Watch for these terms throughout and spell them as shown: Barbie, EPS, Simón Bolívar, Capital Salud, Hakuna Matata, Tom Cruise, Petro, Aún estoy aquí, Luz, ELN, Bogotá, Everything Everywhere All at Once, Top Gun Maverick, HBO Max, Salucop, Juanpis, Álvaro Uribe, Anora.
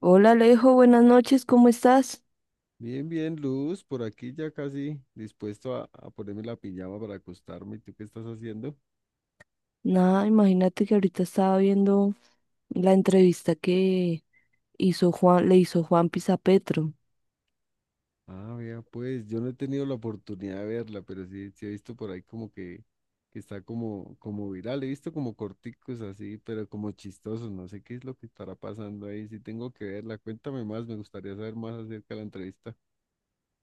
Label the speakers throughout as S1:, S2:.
S1: Hola Alejo, buenas noches, ¿cómo estás?
S2: Bien, bien, Luz, por aquí ya casi dispuesto a ponerme la pijama para acostarme. ¿Y tú qué estás haciendo?
S1: Nada, imagínate que ahorita estaba viendo la entrevista que le hizo Juanpis a Petro.
S2: Ah, vea, pues yo no he tenido la oportunidad de verla, pero sí, sí he visto por ahí que está como, como viral. He visto como corticos así, pero como chistosos. No sé qué es lo que estará pasando ahí. Sí tengo que verla. Cuéntame más, me gustaría saber más acerca de la entrevista.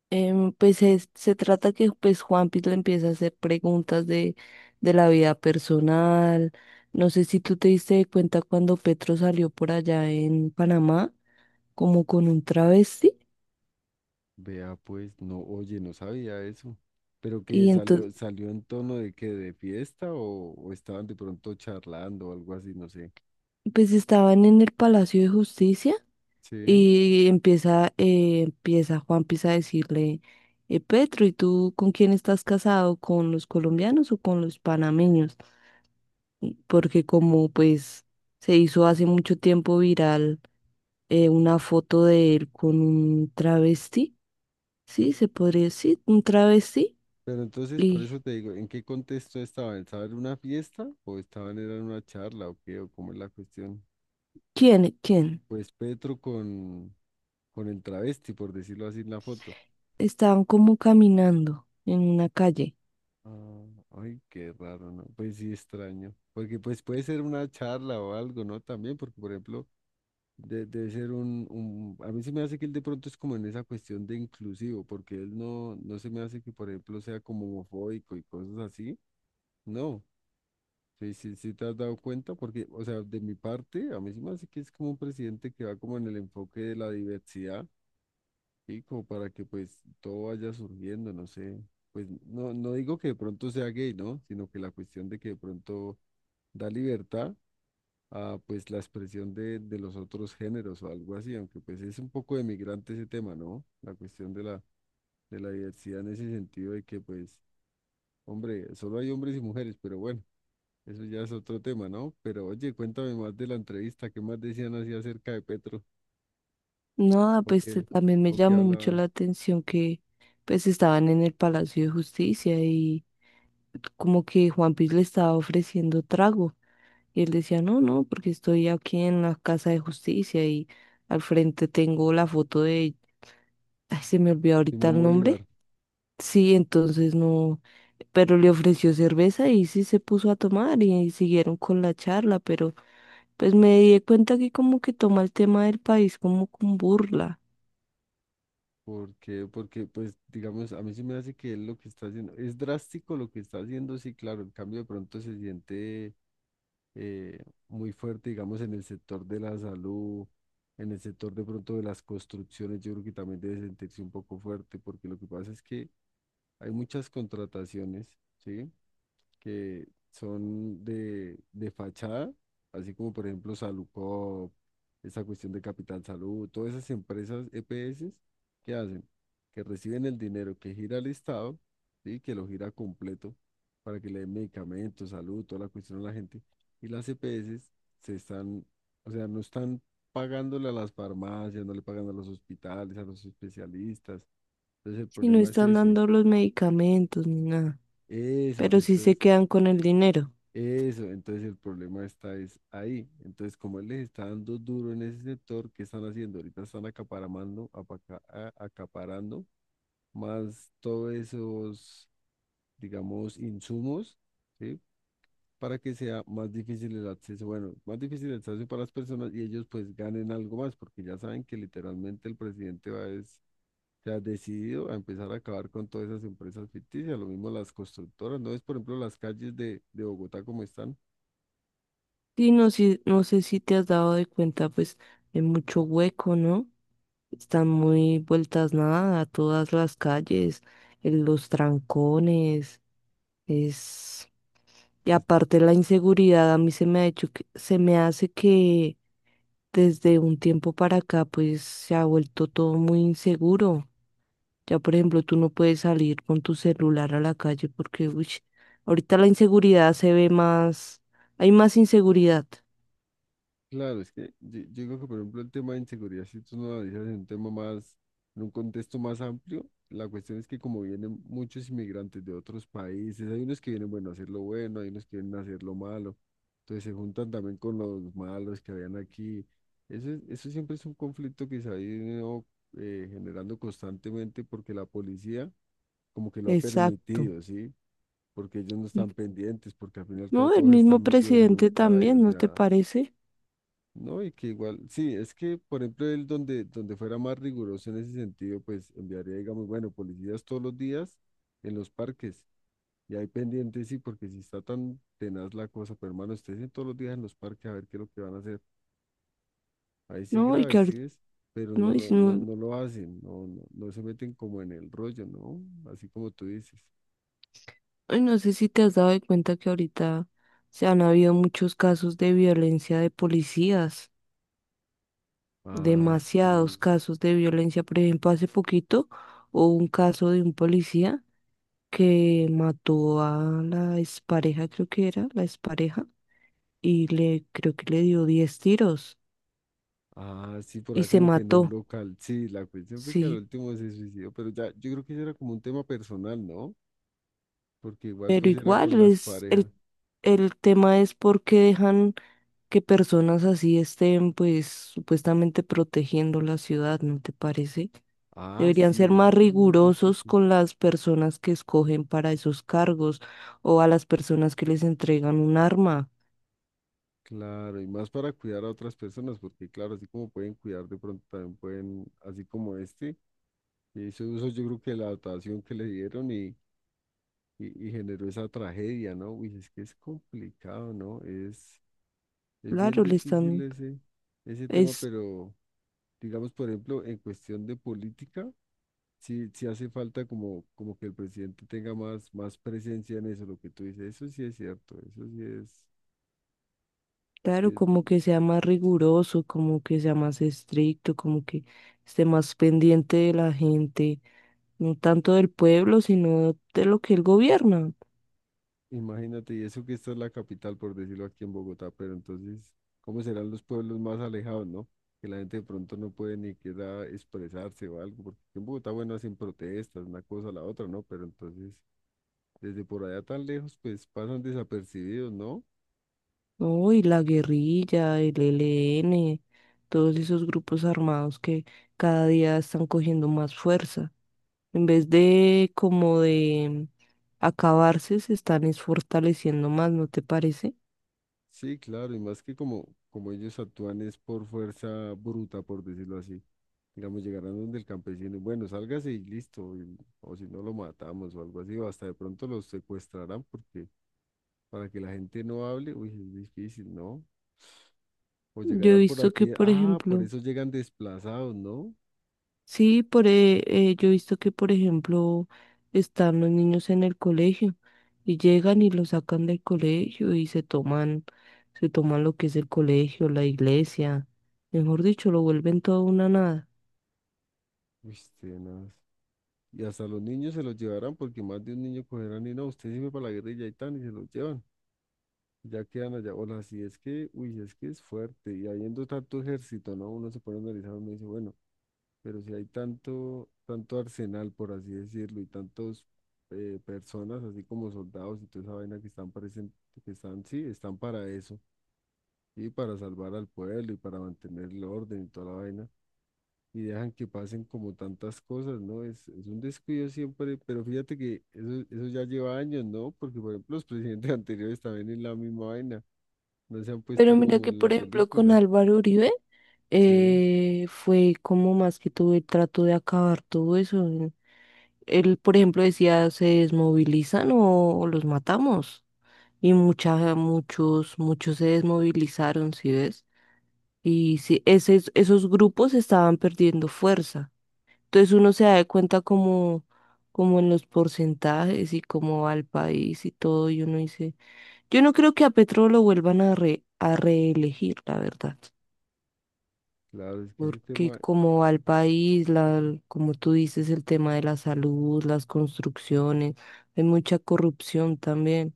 S1: Se trata que pues Juanpis le empieza a hacer preguntas de la vida personal. No sé si tú te diste cuenta cuando Petro salió por allá en Panamá, como con un travesti,
S2: Vea, pues, no, oye, no sabía eso. ¿Pero
S1: y
S2: qué
S1: entonces
S2: salió, salió en tono de que de fiesta o estaban de pronto charlando o algo así? No sé.
S1: pues estaban en el Palacio de Justicia.
S2: Sí,
S1: Y empieza a decirle, Petro, ¿y tú con quién estás casado? ¿Con los colombianos o con los panameños? Porque como pues se hizo hace mucho tiempo viral una foto de él con un travesti, ¿sí? Se podría decir, un travesti.
S2: pero entonces por eso
S1: ¿Y
S2: te digo, ¿en qué contexto estaban? ¿Estaban en una fiesta o estaban era en una charla o qué? ¿O cómo es la cuestión?
S1: quién? ¿Quién?
S2: Pues Petro con el travesti, por decirlo así en la foto.
S1: Estaban como caminando en una calle.
S2: Ah, ay, qué raro, ¿no? Pues sí, extraño. Porque pues puede ser una charla o algo, ¿no? También, porque por ejemplo, debe ser un A mí se me hace que él de pronto es como en esa cuestión de inclusivo, porque él no, no se me hace que por ejemplo sea como homofóbico y cosas así. No. Sí, sí, sí, te has dado cuenta, porque, o sea, de mi parte, a mí sí me hace que es como un presidente que va como en el enfoque de la diversidad y como para que pues todo vaya surgiendo, no sé, pues no, no digo que de pronto sea gay, ¿no? Sino que la cuestión de que de pronto da libertad a pues la expresión de los otros géneros o algo así, aunque pues es un poco de migrante ese tema, ¿no? La cuestión de la, De la diversidad en ese sentido de que pues, hombre, solo hay hombres y mujeres, pero bueno. Eso ya es otro tema, ¿no? Pero oye, cuéntame más de la entrevista, ¿qué más decían así acerca de Petro?
S1: No,
S2: ¿O
S1: pues
S2: qué,
S1: también me
S2: ¿O qué
S1: llamó mucho la
S2: hablaban?
S1: atención que pues estaban en el Palacio de Justicia y como que Juanpis le estaba ofreciendo trago y él decía, no, no, porque estoy aquí en la Casa de Justicia y al frente tengo la foto de, ay, se me olvidó ahorita
S2: Simón
S1: el
S2: Bolívar,
S1: nombre. Sí, entonces no, pero le ofreció cerveza y sí se puso a tomar y siguieron con la charla, pero pues me di cuenta que como que toma el tema del país como con burla,
S2: pues, digamos, a mí sí me hace que él lo que está haciendo, es drástico lo que está haciendo, sí, claro, el cambio de pronto se siente eh, muy fuerte, digamos, en el sector de la salud, en el sector de pronto de las construcciones, yo creo que también debe sentirse un poco fuerte, porque lo que pasa es que hay muchas contrataciones, ¿sí? Que son de fachada, así como por ejemplo Salucop, esa cuestión de Capital Salud, todas esas empresas EPS, que hacen? Que reciben el dinero que gira el Estado, ¿sí? Que lo gira completo para que le den medicamentos, salud, toda la cuestión a la gente. Y las EPS se están, o sea, no están pagándole a las farmacias, no le pagan a los hospitales, a los especialistas. Entonces el
S1: si no
S2: problema es
S1: están
S2: ese.
S1: dando los medicamentos ni nada,
S2: Eso,
S1: pero sí se
S2: entonces
S1: quedan con el dinero.
S2: eso, entonces el problema está es ahí. Entonces, como él les está dando duro en ese sector, ¿qué están haciendo? Ahorita están acaparando más todos esos, digamos, insumos, ¿sí? Para que sea más difícil el acceso, bueno, más difícil el acceso para las personas y ellos pues ganen algo más, porque ya saben que literalmente el presidente va es, se ha decidido a empezar a acabar con todas esas empresas ficticias, lo mismo las constructoras, ¿no es, por ejemplo, las calles de Bogotá como están?
S1: Y no sé, no sé si te has dado de cuenta, pues, de mucho hueco, ¿no? Están muy vueltas nada, todas las calles, en los trancones, es... Y aparte la inseguridad, a mí se me hace que desde un tiempo para acá, pues, se ha vuelto todo muy inseguro. Ya, por ejemplo, tú no puedes salir con tu celular a la calle porque, uy, ahorita la inseguridad se ve más, hay más inseguridad.
S2: Claro, es que yo digo que, por ejemplo, el tema de inseguridad, si tú no lo analizas en un contexto más amplio, la cuestión es que como vienen muchos inmigrantes de otros países, hay unos que vienen, bueno, a hacer lo bueno, hay unos que vienen a hacer lo malo, entonces se juntan también con los malos que habían aquí. Eso, eso siempre es un conflicto que se ha ido generando constantemente porque la policía como que lo ha
S1: Exacto.
S2: permitido, ¿sí? Porque ellos no están pendientes, porque al final y al cabo
S1: No, el
S2: todos
S1: mismo
S2: están metidos en un
S1: presidente
S2: callo,
S1: también,
S2: o
S1: ¿no te
S2: sea...
S1: parece?
S2: No, y que igual, sí, es que, por ejemplo, él donde fuera más riguroso en ese sentido, pues enviaría, digamos, bueno, policías todos los días en los parques. Y ahí pendientes, sí, porque si está tan tenaz la cosa, pero hermano, ustedes en todos los días en los parques a ver qué es lo que van a hacer. Ahí sí
S1: No, y que
S2: grave, sí
S1: ahorita,
S2: es, pero
S1: no, y si no,
S2: no lo hacen, no, no, no se meten como en el rollo, ¿no? Así como tú dices.
S1: ay, no sé si te has dado de cuenta que ahorita se han habido muchos casos de violencia de policías,
S2: Ah,
S1: demasiados
S2: sí.
S1: casos de violencia. Por ejemplo, hace poquito hubo un caso de un policía que mató a la expareja, creo que era, la expareja, y le, creo que le dio 10 tiros
S2: Ah, sí, por
S1: y
S2: ahí
S1: se
S2: como que en un
S1: mató,
S2: local. Sí, la cuestión fue que al
S1: sí.
S2: último se suicidó, pero ya, yo creo que eso era como un tema personal, ¿no? Porque igual
S1: Pero
S2: pues era
S1: igual
S2: con las
S1: es
S2: parejas.
S1: el tema es por qué dejan que personas así estén pues supuestamente protegiendo la ciudad, ¿no te parece?
S2: Ah,
S1: Deberían ser
S2: sí,
S1: más
S2: ese tema es
S1: rigurosos
S2: difícil.
S1: con las personas que escogen para esos cargos o a las personas que les entregan un arma.
S2: Claro, y más para cuidar a otras personas, porque claro, así como pueden cuidar, de pronto también pueden, así como este, que hizo uso yo creo que de la dotación que le dieron y generó esa tragedia, ¿no? Uy, es que es complicado, ¿no? Es bien
S1: Claro, le
S2: difícil
S1: están,
S2: ese, ese tema,
S1: es
S2: pero digamos, por ejemplo, en cuestión de política. Sí, sí hace falta como, como que el presidente tenga más, más presencia en eso, lo que tú dices, eso sí es cierto, eso sí es,
S1: claro,
S2: que-
S1: como que sea más riguroso, como que sea más estricto, como que esté más pendiente de la gente, no tanto del pueblo, sino de lo que él gobierna.
S2: imagínate, y eso que esta es la capital, por decirlo aquí en Bogotá, pero entonces, ¿cómo serán los pueblos más alejados, no? Que la gente de pronto no puede ni queda expresarse o algo, porque aquí en Bogotá, bueno, hacen protestas, una cosa a la otra, ¿no? Pero entonces, desde por allá tan lejos, pues pasan desapercibidos, ¿no?
S1: No, y la guerrilla, el E L N todos esos grupos armados que cada día están cogiendo más fuerza. En vez de como de acabarse, se están es fortaleciendo más, ¿no te parece?
S2: Sí, claro, y más que como, como ellos actúan es por fuerza bruta, por decirlo así. Digamos, llegarán donde el campesino, bueno, sálgase y listo, o si no lo matamos o algo así, o hasta de pronto los secuestrarán porque para que la gente no hable, uy, es difícil, ¿no? O
S1: Yo he
S2: llegará por
S1: visto que,
S2: aquí,
S1: por
S2: ah, por
S1: ejemplo,
S2: eso llegan desplazados, ¿no?
S1: sí, yo he visto que, por ejemplo, están los niños en el colegio y llegan y los sacan del colegio y se toman lo que es el colegio, la iglesia, mejor dicho, lo vuelven todo una nada.
S2: Uy, tenaz. Y hasta los niños se los llevarán porque más de un niño cogerán y no, usted sirve para la guerrilla y tan, y se los llevan. Ya quedan allá. Hola, así es que, uy, es que es fuerte. Y habiendo tanto ejército, ¿no? Uno se pone a analizar, uno dice, bueno, pero si hay tanto, tanto arsenal, por así decirlo, y tantos personas, así como soldados y toda esa vaina que están parecen, que están, sí, están para eso, y para salvar al pueblo y para mantener el orden y toda la vaina. Y dejan que pasen como tantas cosas, ¿no? Es un descuido siempre, pero fíjate que eso ya lleva años, ¿no? Porque, por ejemplo, los presidentes anteriores también en la misma vaina no se han
S1: Pero
S2: puesto
S1: mira
S2: como
S1: que,
S2: en la
S1: por ejemplo, con
S2: película.
S1: Álvaro Uribe
S2: Sí,
S1: fue como más que todo el trato de acabar todo eso. Él, por ejemplo, decía, se desmovilizan o los matamos. Y muchos se desmovilizaron, ¿sí ves? Y sí, esos grupos estaban perdiendo fuerza. Entonces uno se da de cuenta como, como en los porcentajes y cómo va el país y todo, y uno dice, yo no creo que a Petro lo vuelvan a, a reelegir, la verdad.
S2: claro, es que ese
S1: Porque
S2: tema,
S1: como al país, la, como tú dices, el tema de la salud, las construcciones, hay mucha corrupción también.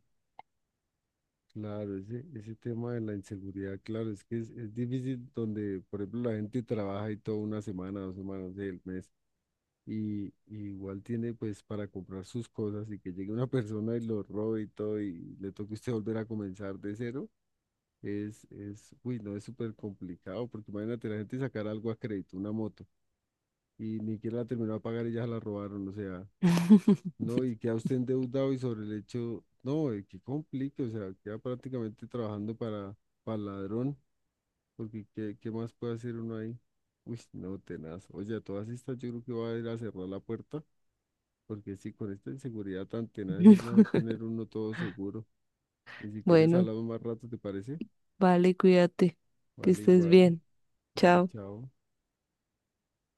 S2: claro, ese tema de la inseguridad, claro, es que es difícil donde, por ejemplo, la gente trabaja y toda una semana, dos semanas del mes, y igual tiene pues para comprar sus cosas y que llegue una persona y lo robe y todo y le toque a usted volver a comenzar de cero, es, uy, no, es súper complicado, porque imagínate la gente sacar algo a crédito, una moto, y ni siquiera la terminó a pagar y ya se la robaron, o sea. No, y queda usted endeudado y sobre el hecho, no, qué complique, o sea, queda prácticamente trabajando para ladrón, porque ¿qué, qué más puede hacer uno ahí? Uy, no, tenaz. Oye, a todas estas yo creo que va a ir a cerrar la puerta, porque si con esta inseguridad tan tenaz es mejor tener uno todo seguro. Y si quieres
S1: Bueno,
S2: hablamos más rato, ¿te parece?
S1: vale, cuídate, que
S2: Vale,
S1: estés
S2: igual,
S1: bien.
S2: vale,
S1: Chao.
S2: chao.